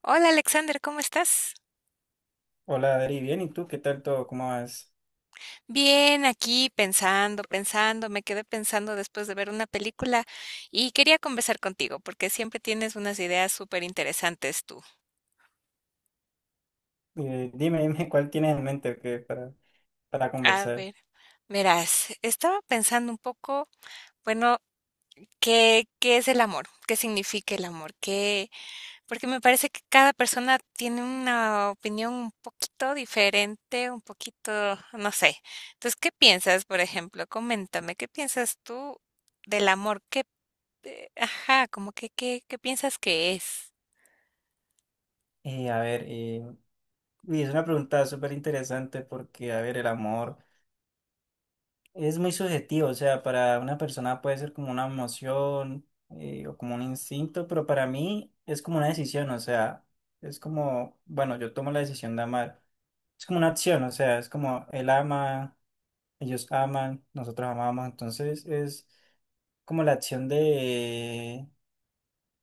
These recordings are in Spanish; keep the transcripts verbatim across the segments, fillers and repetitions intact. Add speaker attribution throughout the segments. Speaker 1: Hola Alexander, ¿cómo estás?
Speaker 2: Hola, Adri, bien, ¿y tú qué tal todo? ¿Cómo vas?
Speaker 1: Bien, aquí pensando, pensando, me quedé pensando después de ver una película y quería conversar contigo porque siempre tienes unas ideas súper interesantes tú.
Speaker 2: Eh, dime, dime cuál tienes en mente o qué para, para
Speaker 1: A
Speaker 2: conversar.
Speaker 1: ver, verás, estaba pensando un poco, bueno, ¿qué, qué es el amor? ¿Qué significa el amor? ¿Qué? Porque me parece que cada persona tiene una opinión un poquito diferente, un poquito, no sé. Entonces, ¿qué piensas, por ejemplo? Coméntame, ¿qué piensas tú? Del amor, ¿qué Eh, ajá, como que, ¿qué, qué piensas que es?
Speaker 2: Eh, a ver, eh, uy, es una pregunta súper interesante porque, a ver, el amor es muy subjetivo, o sea, para una persona puede ser como una emoción eh, o como un instinto, pero para mí es como una decisión, o sea, es como, bueno, yo tomo la decisión de amar, es como una acción, o sea, es como él ama, ellos aman, nosotros amamos, entonces es como la acción de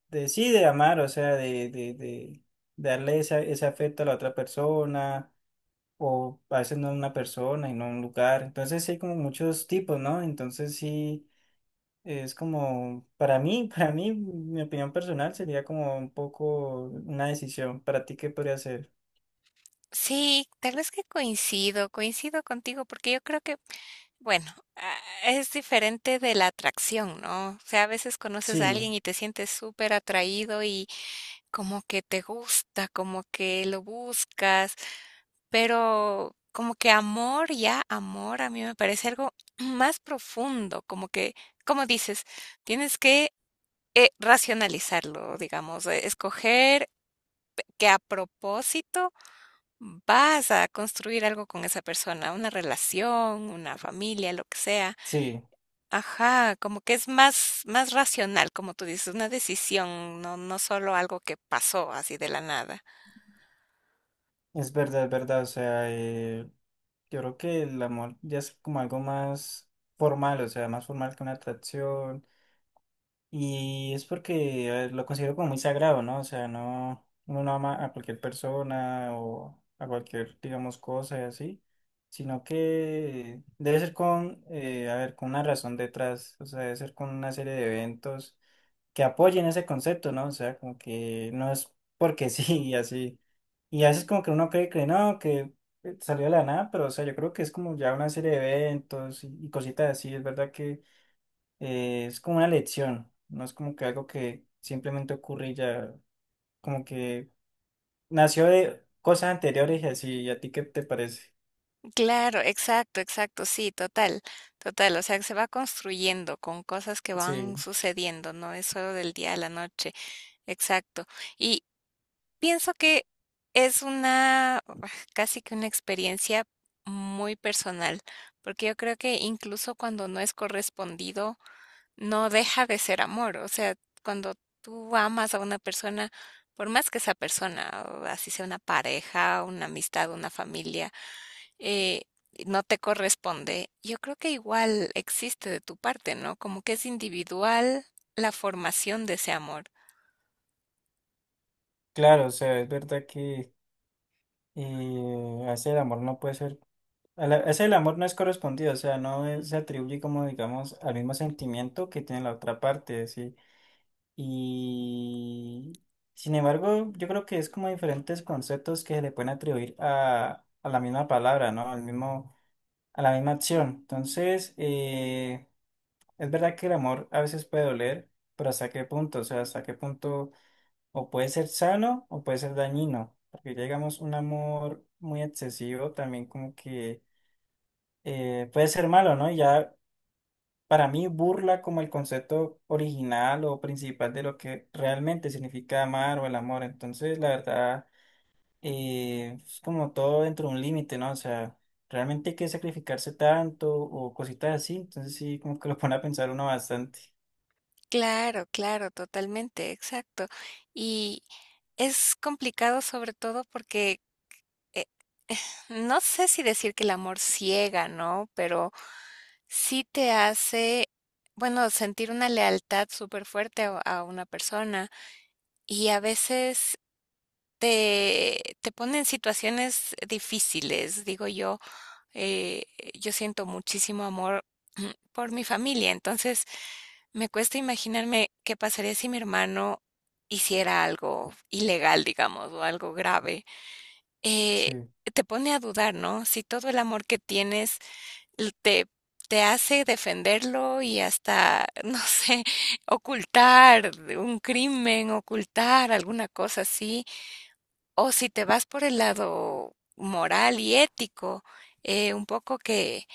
Speaker 2: de sí, de amar, o sea, de, de, de darle esa- ese afecto a la otra persona, o a veces no a una persona y no a un lugar. Entonces sí hay como muchos tipos, ¿no? Entonces sí es como, para mí, para mí, mi opinión personal sería como un poco una decisión. ¿Para ti qué podría ser?
Speaker 1: Sí, tal vez que coincido, coincido contigo, porque yo creo que, bueno, ah, es diferente de la atracción, ¿no? O sea, a veces conoces a alguien
Speaker 2: Sí,
Speaker 1: y te sientes súper atraído y como que te gusta, como que lo buscas, pero como que amor, ya amor, a mí me parece algo más profundo, como que, como dices, tienes que eh, racionalizarlo, digamos, eh, escoger que a propósito vas a construir algo con esa persona, una relación, una familia, lo que sea.
Speaker 2: sí,
Speaker 1: Ajá, como que es más, más racional, como tú dices, una decisión, no, no solo algo que pasó así de la nada.
Speaker 2: es verdad, es verdad, o sea, eh, yo creo que el amor ya es como algo más formal, o sea, más formal que una atracción. Y es porque eh, lo considero como muy sagrado, ¿no? O sea, no, uno no ama a cualquier persona o a cualquier, digamos, cosa y así, sino que debe ser con, eh, a ver, con una razón detrás, o sea, debe ser con una serie de eventos que apoyen ese concepto, ¿no? O sea, como que no es porque sí y así. Y a veces como que uno cree que no, que eh, salió de la nada, pero o sea, yo creo que es como ya una serie de eventos y, y cositas así, es verdad que eh, es como una lección, no es como que algo que simplemente ocurre y ya, como que nació de cosas anteriores y así, ¿y a ti qué te parece?
Speaker 1: Claro, exacto, exacto, sí, total, total, o sea, que se va construyendo con cosas que van
Speaker 2: Sí,
Speaker 1: sucediendo, no es solo del día a la noche, exacto. Y, pienso que es una ah, casi que una experiencia muy personal, porque yo creo que incluso cuando no es correspondido, no deja de ser amor. O sea, cuando tú amas a una persona, por más que esa persona, o así sea una pareja, una amistad, una familia, eh, no te corresponde, yo creo que igual existe de tu parte, ¿no? Como que es individual la formación de ese amor.
Speaker 2: claro, o sea, es verdad que eh, hacer el amor no puede ser, a la- hacer el amor no es correspondido, o sea, no es- se atribuye como, digamos, al mismo sentimiento que tiene la otra parte, sí, y... Sin embargo, yo creo que es como diferentes conceptos que se le pueden atribuir a, a la misma palabra, ¿no? Al mismo, a la misma acción. Entonces, eh, es verdad que el amor a veces puede doler, pero ¿hasta qué punto? O sea, ¿hasta qué punto o puede ser sano o puede ser dañino? Porque ya digamos un amor muy excesivo también como que eh, puede ser malo, ¿no? Y ya para mí burla como el concepto original o principal de lo que realmente significa amar o el amor. Entonces, la verdad eh, es como todo dentro de un límite, ¿no? O sea, realmente hay que sacrificarse tanto o cositas así, entonces sí, como que lo pone a pensar uno bastante.
Speaker 1: Claro, claro, totalmente, exacto. Y es complicado sobre todo porque eh, no sé si decir que el amor ciega, ¿no? Pero sí te hace, bueno, sentir una lealtad súper fuerte a, a una persona y a veces te, te pone en situaciones difíciles, digo yo, eh, yo siento muchísimo amor por mi familia, entonces me cuesta imaginarme qué pasaría si mi hermano hiciera algo ilegal, digamos, o algo grave. Eh,
Speaker 2: Sí,
Speaker 1: te pone a dudar, ¿no? Si todo el amor que tienes te, te hace defenderlo y hasta, no sé, ocultar un crimen, ocultar alguna cosa así. O si te vas por el lado moral y ético, eh, un poco que,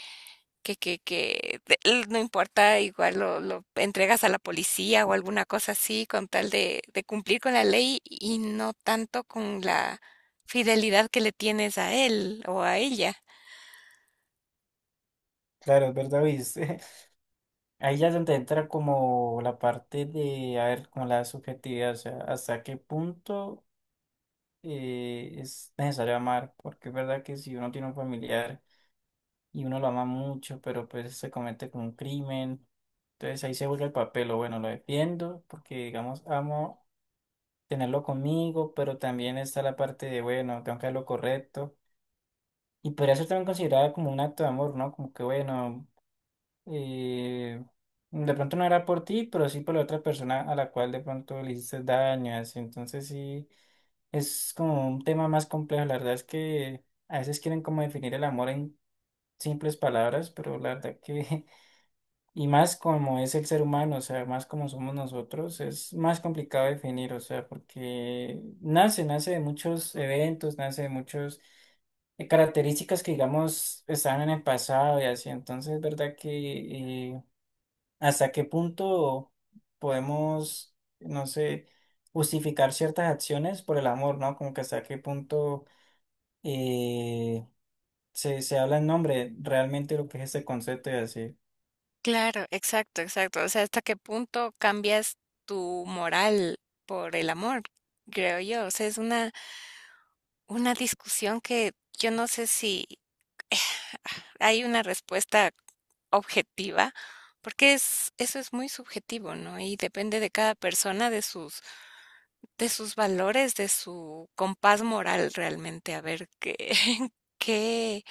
Speaker 1: que, que, que de- l- no importa, igual lo, lo entregas a la policía o alguna cosa así con tal de, de cumplir con la ley y no tanto con la fidelidad que le tienes a él o a ella.
Speaker 2: claro, es verdad, viste. Ahí ya es donde entra como la parte de, a ver, como la subjetividad, o sea, hasta qué punto eh, es necesario amar, porque es verdad que si uno tiene un familiar y uno lo ama mucho, pero pues se comete como un crimen. Entonces ahí se vuelve el papel, o bueno, lo defiendo porque digamos amo tenerlo conmigo, pero también está la parte de, bueno, tengo que hacer lo correcto. Y podría ser también considerada como un acto de amor, ¿no? Como que, bueno, eh, de pronto no era por ti, pero sí por la otra persona a la cual de pronto le hiciste daño, así. Entonces sí, es como un tema más complejo. La verdad es que a veces quieren como definir el amor en simples palabras, pero la verdad que Y más como es el ser humano, o sea, más como somos nosotros, es más complicado definir, o sea, porque nace, nace de muchos eventos, nace de muchas características que, digamos, estaban en el pasado y así. Entonces, es verdad que eh, hasta qué punto podemos, no sé, justificar ciertas acciones por el amor, ¿no? Como que hasta qué punto eh, se, se habla en nombre realmente de lo que es este concepto y así.
Speaker 1: Claro, exacto, exacto. O sea, ¿hasta qué punto cambias tu moral por el amor? Creo yo. O sea, es una, una discusión que yo no sé si hay una respuesta objetiva, porque es, eso es muy subjetivo, ¿no? Y depende de cada persona, de sus, de sus valores, de su compás moral realmente, a ver qué, qué,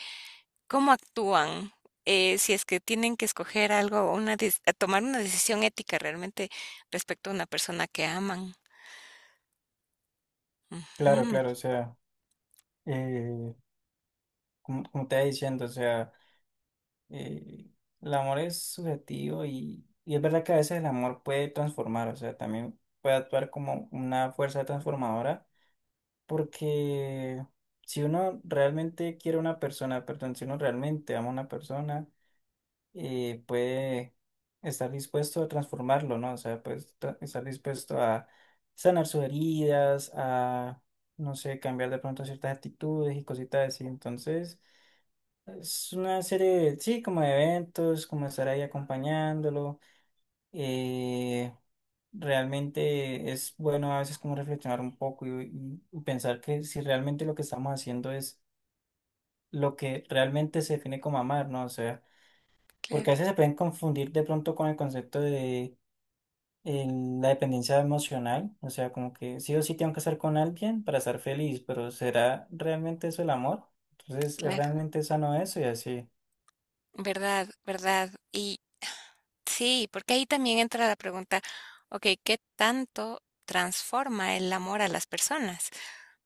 Speaker 1: cómo actúan, eh, si es que tienen que escoger algo, una des- a tomar una decisión ética realmente respecto a una persona que aman.
Speaker 2: Claro,
Speaker 1: Ujú,
Speaker 2: claro, o sea. eh, como, como te iba diciendo, o sea, eh, el amor es subjetivo y, y es verdad que a veces el amor puede transformar, o sea, también puede actuar como una fuerza transformadora, porque si uno realmente quiere a una persona, perdón, si uno realmente ama a una persona, eh, puede estar dispuesto a transformarlo, ¿no? O sea, pues tra- estar dispuesto a sanar sus heridas, a, no sé, cambiar de pronto ciertas actitudes y cositas así, entonces... Es una serie, sí, como de eventos, como estar ahí acompañándolo. eh, realmente es bueno a veces como reflexionar un poco y, y- y pensar que si realmente lo que estamos haciendo es lo que realmente se define como amar, ¿no? O sea, porque a
Speaker 1: claro,
Speaker 2: veces se pueden confundir de pronto con el concepto de el- la dependencia emocional, o sea, como que sí o sí tengo que estar con alguien para estar feliz, pero ¿será realmente eso el amor? Entonces, ¿es
Speaker 1: claro.
Speaker 2: realmente sano eso? Y así,
Speaker 1: Verdad, verdad. Y sí, porque ahí también entra la pregunta, ok, ¿qué tanto transforma el amor a las personas?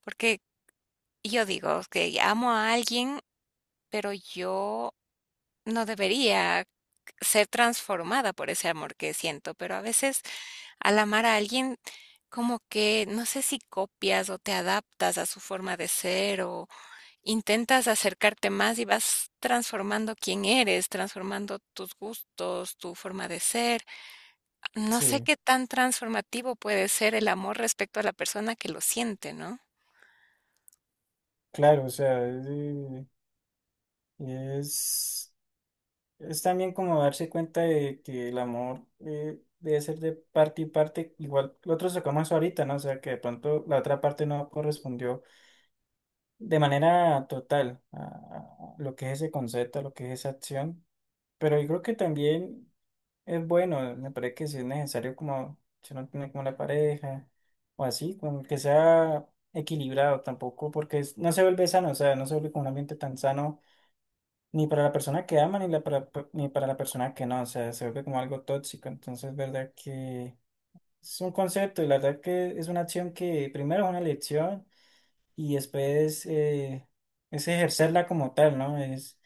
Speaker 1: Porque yo digo que amo a alguien, pero yo no debería ser transformada por ese amor que siento, pero a veces al amar a alguien, como que no sé si copias o te adaptas a su forma de ser o intentas acercarte más y vas transformando quién eres, transformando tus gustos, tu forma de ser. No sé
Speaker 2: sí.
Speaker 1: qué tan transformativo puede ser el amor respecto a la persona que lo siente, ¿no?
Speaker 2: Claro, o sea, es, eh, es, es también como darse cuenta de que el amor eh, debe ser de parte y parte, igual lo otro sacamos ahorita, ¿no? O sea, que de pronto la otra parte no correspondió de manera total a, a lo que es ese concepto, a lo que es esa acción, pero yo creo que también es bueno, me parece que si es necesario como, si uno tiene como la pareja o así, como que sea equilibrado tampoco, porque es- no se vuelve sano, o sea, no se vuelve como un ambiente tan sano ni para la persona que ama, ni, la para- ni para la persona que no, o sea, se vuelve como algo tóxico. Entonces, verdad que es un concepto y la verdad que es una acción que primero es una lección y después eh, es ejercerla como tal, ¿no? Es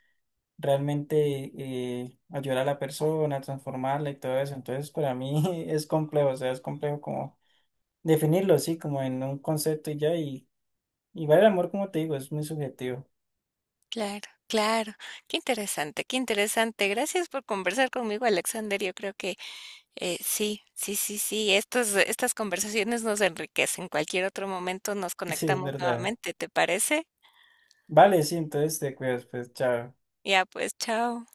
Speaker 2: realmente eh, ayudar a la persona, transformarla y todo eso. Entonces, para mí es complejo, o sea, es complejo como definirlo así, como en un concepto y ya. Y igual el amor, como te digo, es muy subjetivo.
Speaker 1: Claro, claro. Qué interesante, qué interesante. Gracias por conversar conmigo, Alexander. Yo creo que Eh, sí, sí, sí, sí. Estos estas conversaciones nos enriquecen. Cualquier otro momento nos
Speaker 2: Sí, es
Speaker 1: conectamos
Speaker 2: verdad.
Speaker 1: nuevamente, ¿te parece?
Speaker 2: Vale, sí, entonces te cuidas, pues, chao.
Speaker 1: Ya pues, chao.